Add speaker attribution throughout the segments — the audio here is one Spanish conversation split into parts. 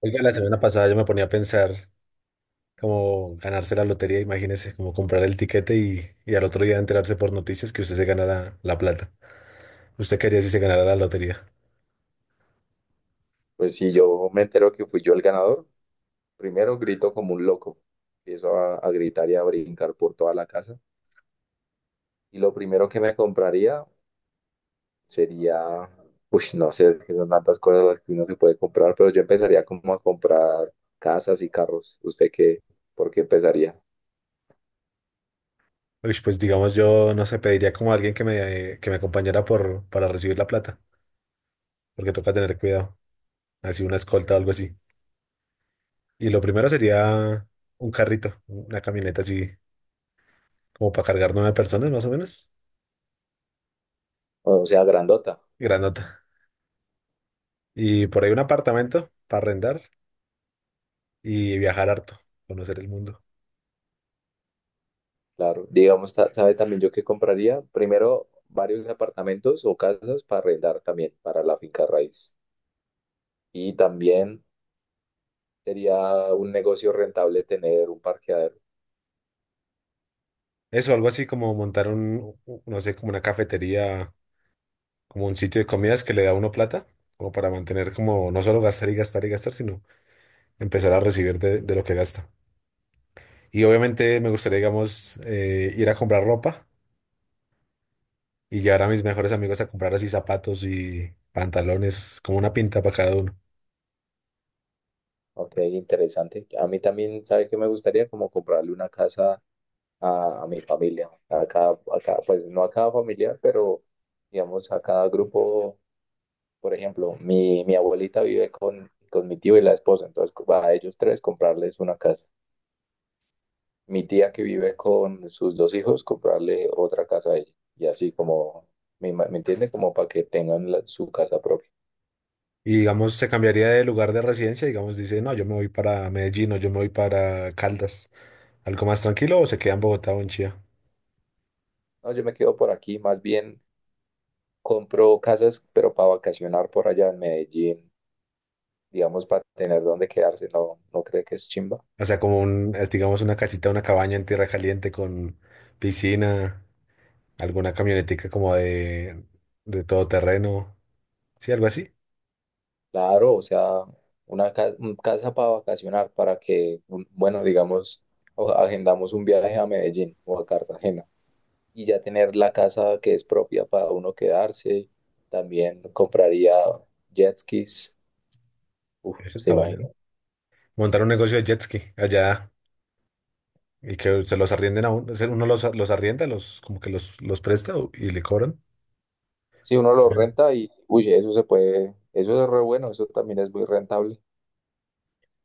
Speaker 1: Oiga, la semana pasada yo me ponía a pensar como ganarse la lotería, imagínese, como comprar el tiquete y al otro día enterarse por noticias que usted se gana la plata. ¿Usted quería si se ganara la lotería?
Speaker 2: Pues si yo me entero que fui yo el ganador, primero grito como un loco. Empiezo a gritar y a brincar por toda la casa. Y lo primero que me compraría sería, no sé, es que son tantas cosas las que uno se puede comprar, pero yo empezaría como a comprar casas y carros. ¿Usted qué? ¿Por qué empezaría?
Speaker 1: Uy, pues digamos yo, no sé, pediría como a alguien que me acompañara para recibir la plata, porque toca tener cuidado, así una escolta o algo así. Y lo primero sería un carrito, una camioneta así, como para cargar nueve personas más o menos,
Speaker 2: O sea, grandota,
Speaker 1: grandota. Y por ahí un apartamento para arrendar y viajar harto, conocer el mundo.
Speaker 2: claro. Digamos, ¿sabe también yo qué compraría? Primero, varios apartamentos o casas para arrendar también, para la finca raíz. Y también... Sería un negocio rentable tener un parqueadero.
Speaker 1: Eso, algo así como montar un, no sé, como una cafetería, como un sitio de comidas que le da a uno plata, como para mantener como no solo gastar y gastar y gastar, sino empezar a recibir de lo que gasta. Y obviamente me gustaría, digamos, ir a comprar ropa y llevar a mis mejores amigos a comprar así zapatos y pantalones, como una pinta para cada uno.
Speaker 2: Ok, interesante. A mí también, ¿sabe qué me gustaría? Como comprarle una casa a mi familia. A cada, pues no a cada familia, pero digamos a cada grupo. Por ejemplo, mi abuelita vive con mi tío y la esposa. Entonces, a ellos tres comprarles una casa. Mi tía que vive con sus dos hijos, comprarle otra casa a ella. Y así como, ¿me entiende? Como para que tengan su casa propia.
Speaker 1: Y digamos, se cambiaría de lugar de residencia, digamos, dice, no, yo me voy para Medellín o yo me voy para Caldas, algo más tranquilo, o se queda en Bogotá o en Chía.
Speaker 2: No, yo me quedo por aquí, más bien. Compró casas, pero para vacacionar por allá en Medellín, digamos, para tener dónde quedarse, ¿no, no cree que es chimba?
Speaker 1: O sea, como un, es, digamos, una casita, una cabaña en tierra caliente con piscina, alguna camionetica como de todoterreno. Sí, algo así.
Speaker 2: Claro, o sea, un casa para vacacionar, bueno, digamos, agendamos un viaje a Medellín o a Cartagena y ya tener la casa que es propia para uno quedarse. También compraría jet skis, uf,
Speaker 1: Eso
Speaker 2: se
Speaker 1: está bueno.
Speaker 2: imagina.
Speaker 1: Montar un negocio de jet ski allá y que se los arrienden a uno. O sea, uno los arrienda, los, como que los presta y le cobran.
Speaker 2: Si uno lo
Speaker 1: Sí.
Speaker 2: renta y, uy, eso se puede, eso es re bueno, eso también es muy rentable.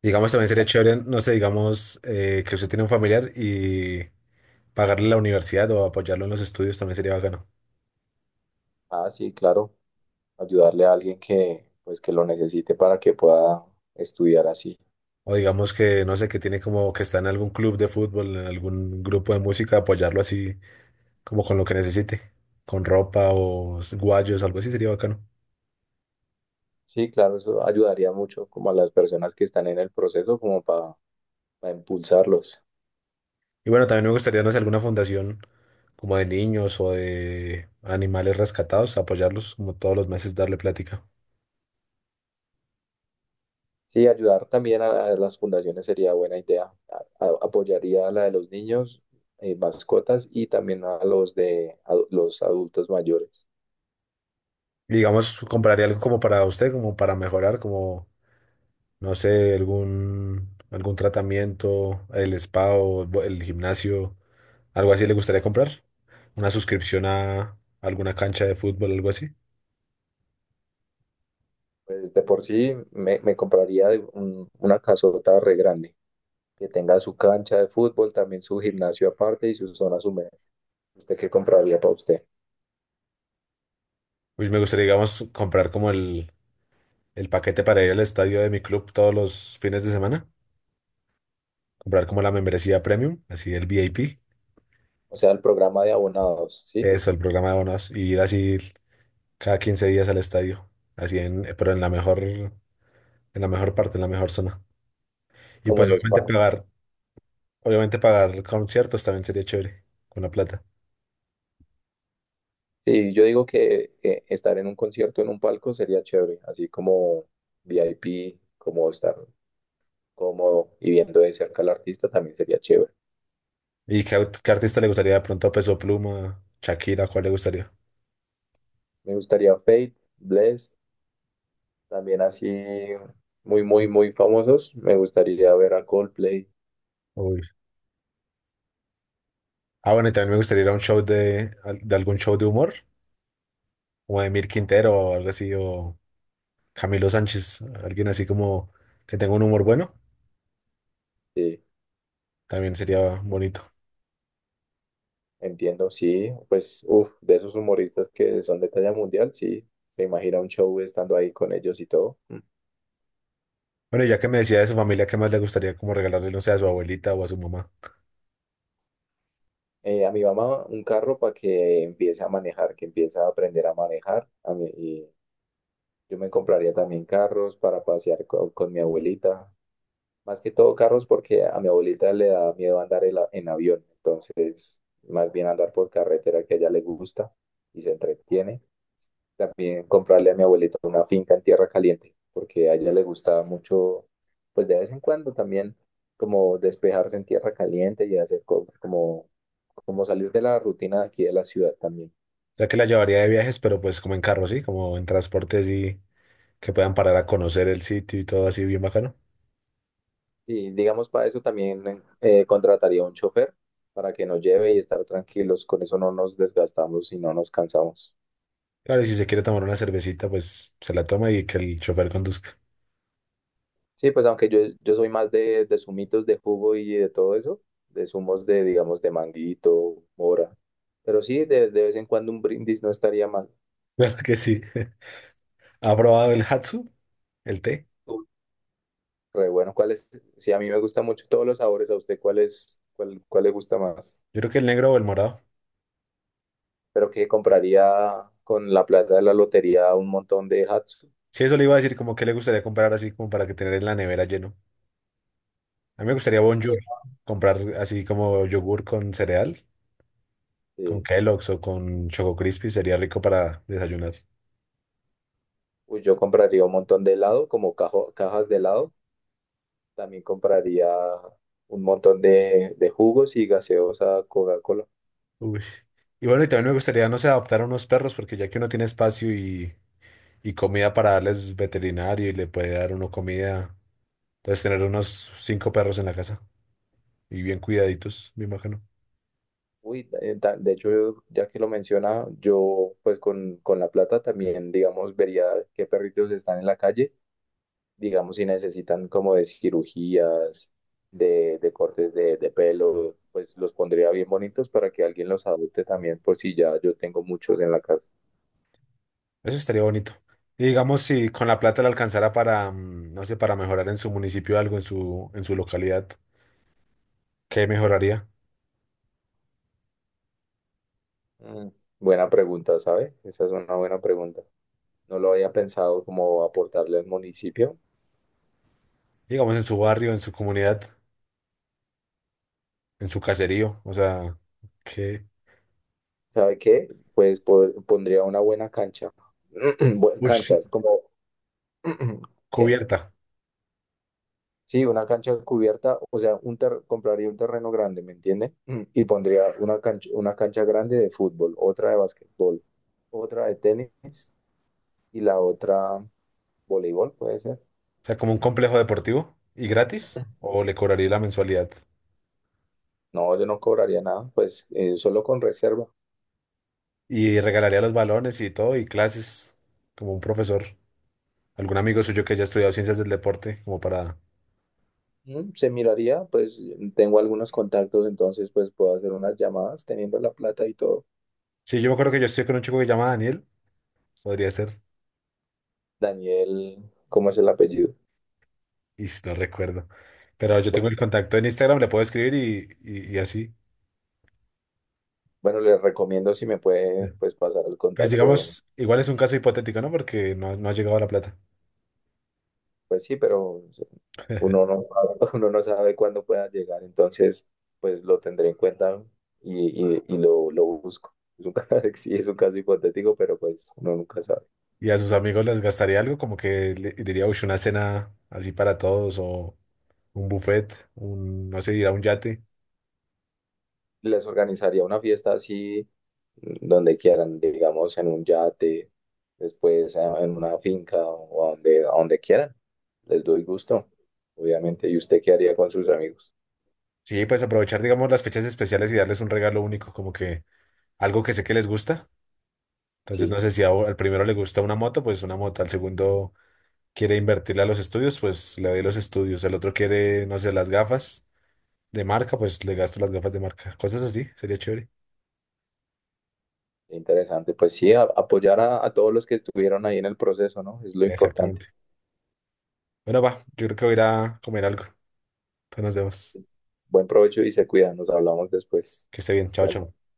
Speaker 1: Digamos, también sería chévere, no sé, digamos, que usted tiene un familiar y pagarle la universidad o apoyarlo en los estudios también sería bacano.
Speaker 2: Ah, sí, claro. Ayudarle a alguien que, pues, que lo necesite para que pueda estudiar así.
Speaker 1: O digamos que, no sé, que tiene como que está en algún club de fútbol, en algún grupo de música, apoyarlo así, como con lo que necesite, con ropa o guayos, algo así sería bacano.
Speaker 2: Sí, claro, eso ayudaría mucho como a las personas que están en el proceso, como para impulsarlos.
Speaker 1: Y bueno, también me gustaría, no sé, alguna fundación como de niños o de animales rescatados, apoyarlos como todos los meses, darle plática.
Speaker 2: Sí, ayudar también a las fundaciones sería buena idea. Apoyaría a la de los niños, mascotas y también a los de a los adultos mayores.
Speaker 1: Y digamos, compraría algo como para usted, como para mejorar, como, no sé, algún tratamiento, el spa o el el gimnasio. ¿Algo así le gustaría comprar? ¿Una suscripción a alguna cancha de fútbol, algo así?
Speaker 2: Pues, de por sí me compraría de una casota re grande. Que tenga su cancha de fútbol, también su gimnasio aparte y sus zonas húmedas. ¿Usted qué compraría para usted?
Speaker 1: Pues me gustaría, digamos, comprar como el paquete para ir al estadio de mi club todos los fines de semana. Comprar como la membresía premium, así el VIP.
Speaker 2: O sea, el programa de abonados, ¿sí?
Speaker 1: Eso, el programa de abonados. Y ir así cada 15 días al estadio. Así en, pero en la mejor parte, en la mejor zona. Y
Speaker 2: Como
Speaker 1: pues
Speaker 2: los palcos.
Speaker 1: obviamente pagar conciertos también sería chévere, con la plata.
Speaker 2: Sí, yo digo que estar en un concierto en un palco sería chévere, así como VIP, como estar cómodo y viendo de cerca al artista también sería chévere.
Speaker 1: ¿Y qué artista le gustaría de pronto? ¿Peso Pluma, Shakira, cuál le gustaría?
Speaker 2: Me gustaría Fate, Bless, también así muy, muy, muy famosos. Me gustaría ver a Coldplay.
Speaker 1: Uy. Ah, bueno, y también me gustaría ir a un show de algún show de humor, como de Emil Quintero o algo así, o Camilo Sánchez, alguien así como que tenga un humor bueno,
Speaker 2: Sí.
Speaker 1: también sería bonito.
Speaker 2: Entiendo, sí, pues, uff, de esos humoristas que son de talla mundial, sí, se imagina un show estando ahí con ellos y todo. Mm.
Speaker 1: Bueno, y ya que me decía de su familia, ¿qué más le gustaría como regalarle, no sé, a su abuelita o a su mamá?
Speaker 2: A mi mamá un carro para que empiece a manejar, que empiece a aprender a manejar. A mí, y yo me compraría también carros para pasear con, mi abuelita. Más que todo carros porque a mi abuelita le da miedo andar en, en avión, entonces más bien andar por carretera que a ella le gusta y se entretiene. También comprarle a mi abuelita una finca en Tierra Caliente, porque a ella le gustaba mucho, pues de vez en cuando también, como despejarse en Tierra Caliente y hacer como, como salir de la rutina de aquí de la ciudad también.
Speaker 1: O sea, que la llevaría de viajes, pero pues como en carro, ¿sí? Como en transportes y que puedan parar a conocer el sitio y todo así bien bacano.
Speaker 2: Y digamos, para eso también contrataría un chofer para que nos lleve y estar tranquilos. Con eso no nos desgastamos y no nos cansamos.
Speaker 1: Claro, y si se quiere tomar una cervecita, pues se la toma y que el chofer conduzca.
Speaker 2: Sí, pues aunque yo soy más de zumitos de jugo y de todo eso, de zumos de, digamos, de manguito, mora. Pero sí, de vez en cuando un brindis no estaría mal.
Speaker 1: Claro que sí. ¿Ha probado el Hatsu, el té?
Speaker 2: Uy, re bueno, ¿cuál es? Sí, a mí me gusta mucho todos los sabores. ¿A usted cuál es, cuál le gusta más?
Speaker 1: Yo creo que el negro o el morado.
Speaker 2: Pero que compraría con la plata de la lotería un montón de Hatsu,
Speaker 1: Sí, eso le iba a decir, como que le gustaría comprar así como para que tener en la nevera lleno. A mí me gustaría
Speaker 2: mucho.
Speaker 1: Bonjour, comprar así como yogur con cereal, con
Speaker 2: Sí.
Speaker 1: Kellogg's o con Choco Crispy, sería rico para desayunar.
Speaker 2: Uy, yo compraría un montón de helado, como cajas de helado. También compraría un montón de jugos y gaseosa Coca-Cola.
Speaker 1: Uy. Y bueno, y también me gustaría, no sé, adoptar a unos perros, porque ya que uno tiene espacio y comida para darles veterinario y le puede dar uno comida, entonces tener unos cinco perros en la casa y bien cuidaditos, me imagino.
Speaker 2: Uy, de hecho, ya que lo menciona, yo pues con la plata también, digamos, vería qué perritos están en la calle, digamos, si necesitan como de cirugías, de cortes de pelo, pues los pondría bien bonitos para que alguien los adopte también, por si ya yo tengo muchos en la casa.
Speaker 1: Eso estaría bonito. Y digamos, si con la plata le alcanzara para, no sé, para mejorar en su municipio algo, en su localidad, ¿qué mejoraría?
Speaker 2: Mm, buena pregunta, ¿sabe? Esa es una buena pregunta. No lo había pensado como aportarle al municipio.
Speaker 1: Digamos, en su barrio, en su comunidad, en su caserío, o sea, ¿qué?
Speaker 2: ¿Sabe qué? Pues pondría una buena cancha.
Speaker 1: ¿Pues
Speaker 2: Canchas, como ¿Qué?
Speaker 1: cubierta?
Speaker 2: Sí, una cancha cubierta, o sea, compraría un terreno grande, ¿me entiende? Mm, y pondría una cancha grande de fútbol, otra de basquetbol, otra de tenis y la otra voleibol, puede ser.
Speaker 1: O sea, como un complejo deportivo y gratis, o le cobraría la mensualidad
Speaker 2: No, yo no cobraría nada, pues solo con reserva.
Speaker 1: y regalaría los balones y todo, y clases, como un profesor, algún amigo suyo que haya estudiado ciencias del deporte, como para...
Speaker 2: Mm, se miraría, pues tengo algunos contactos, entonces pues puedo hacer unas llamadas teniendo la plata y todo.
Speaker 1: Sí, yo me acuerdo que yo estoy con un chico que se llama Daniel, podría ser.
Speaker 2: Daniel, ¿cómo es el apellido?
Speaker 1: Y no recuerdo. Pero yo tengo
Speaker 2: Bueno,
Speaker 1: el contacto en Instagram, le puedo escribir y así.
Speaker 2: bueno, les recomiendo si me
Speaker 1: Sí.
Speaker 2: puede pues pasar el
Speaker 1: Pues
Speaker 2: contacto,
Speaker 1: digamos, igual es un caso hipotético, ¿no? Porque no, no ha llegado la plata.
Speaker 2: pues sí, pero uno no sabe, uno no sabe cuándo pueda llegar, entonces pues lo tendré en cuenta y, y lo busco. Es un, sí, es un caso hipotético, pero pues uno nunca sabe.
Speaker 1: Y a sus amigos les gastaría algo, como que le diría, uy, una cena así para todos o un buffet, no sé, ir a un yate.
Speaker 2: Les organizaría una fiesta así mm, donde quieran, digamos en un yate, después en una finca o a donde quieran. Les doy gusto, obviamente. ¿Y usted qué haría con sus amigos?
Speaker 1: Sí, pues aprovechar, digamos, las fechas especiales y darles un regalo único, como que algo que sé que les gusta. Entonces, no
Speaker 2: Sí,
Speaker 1: sé si al primero le gusta una moto, pues una moto, al segundo quiere invertirle a los estudios, pues le doy los estudios. El otro quiere, no sé, las gafas de marca, pues le gasto las gafas de marca. Cosas así, sería chévere.
Speaker 2: interesante. Pues sí, apoyar a todos los que estuvieron ahí en el proceso, ¿no? Es lo importante.
Speaker 1: Exactamente. Bueno, va, yo creo que voy a ir a comer algo. Entonces nos vemos.
Speaker 2: Buen provecho y se cuidan. Nos hablamos después.
Speaker 1: Que esté bien. Chao,
Speaker 2: Gracias.
Speaker 1: chao.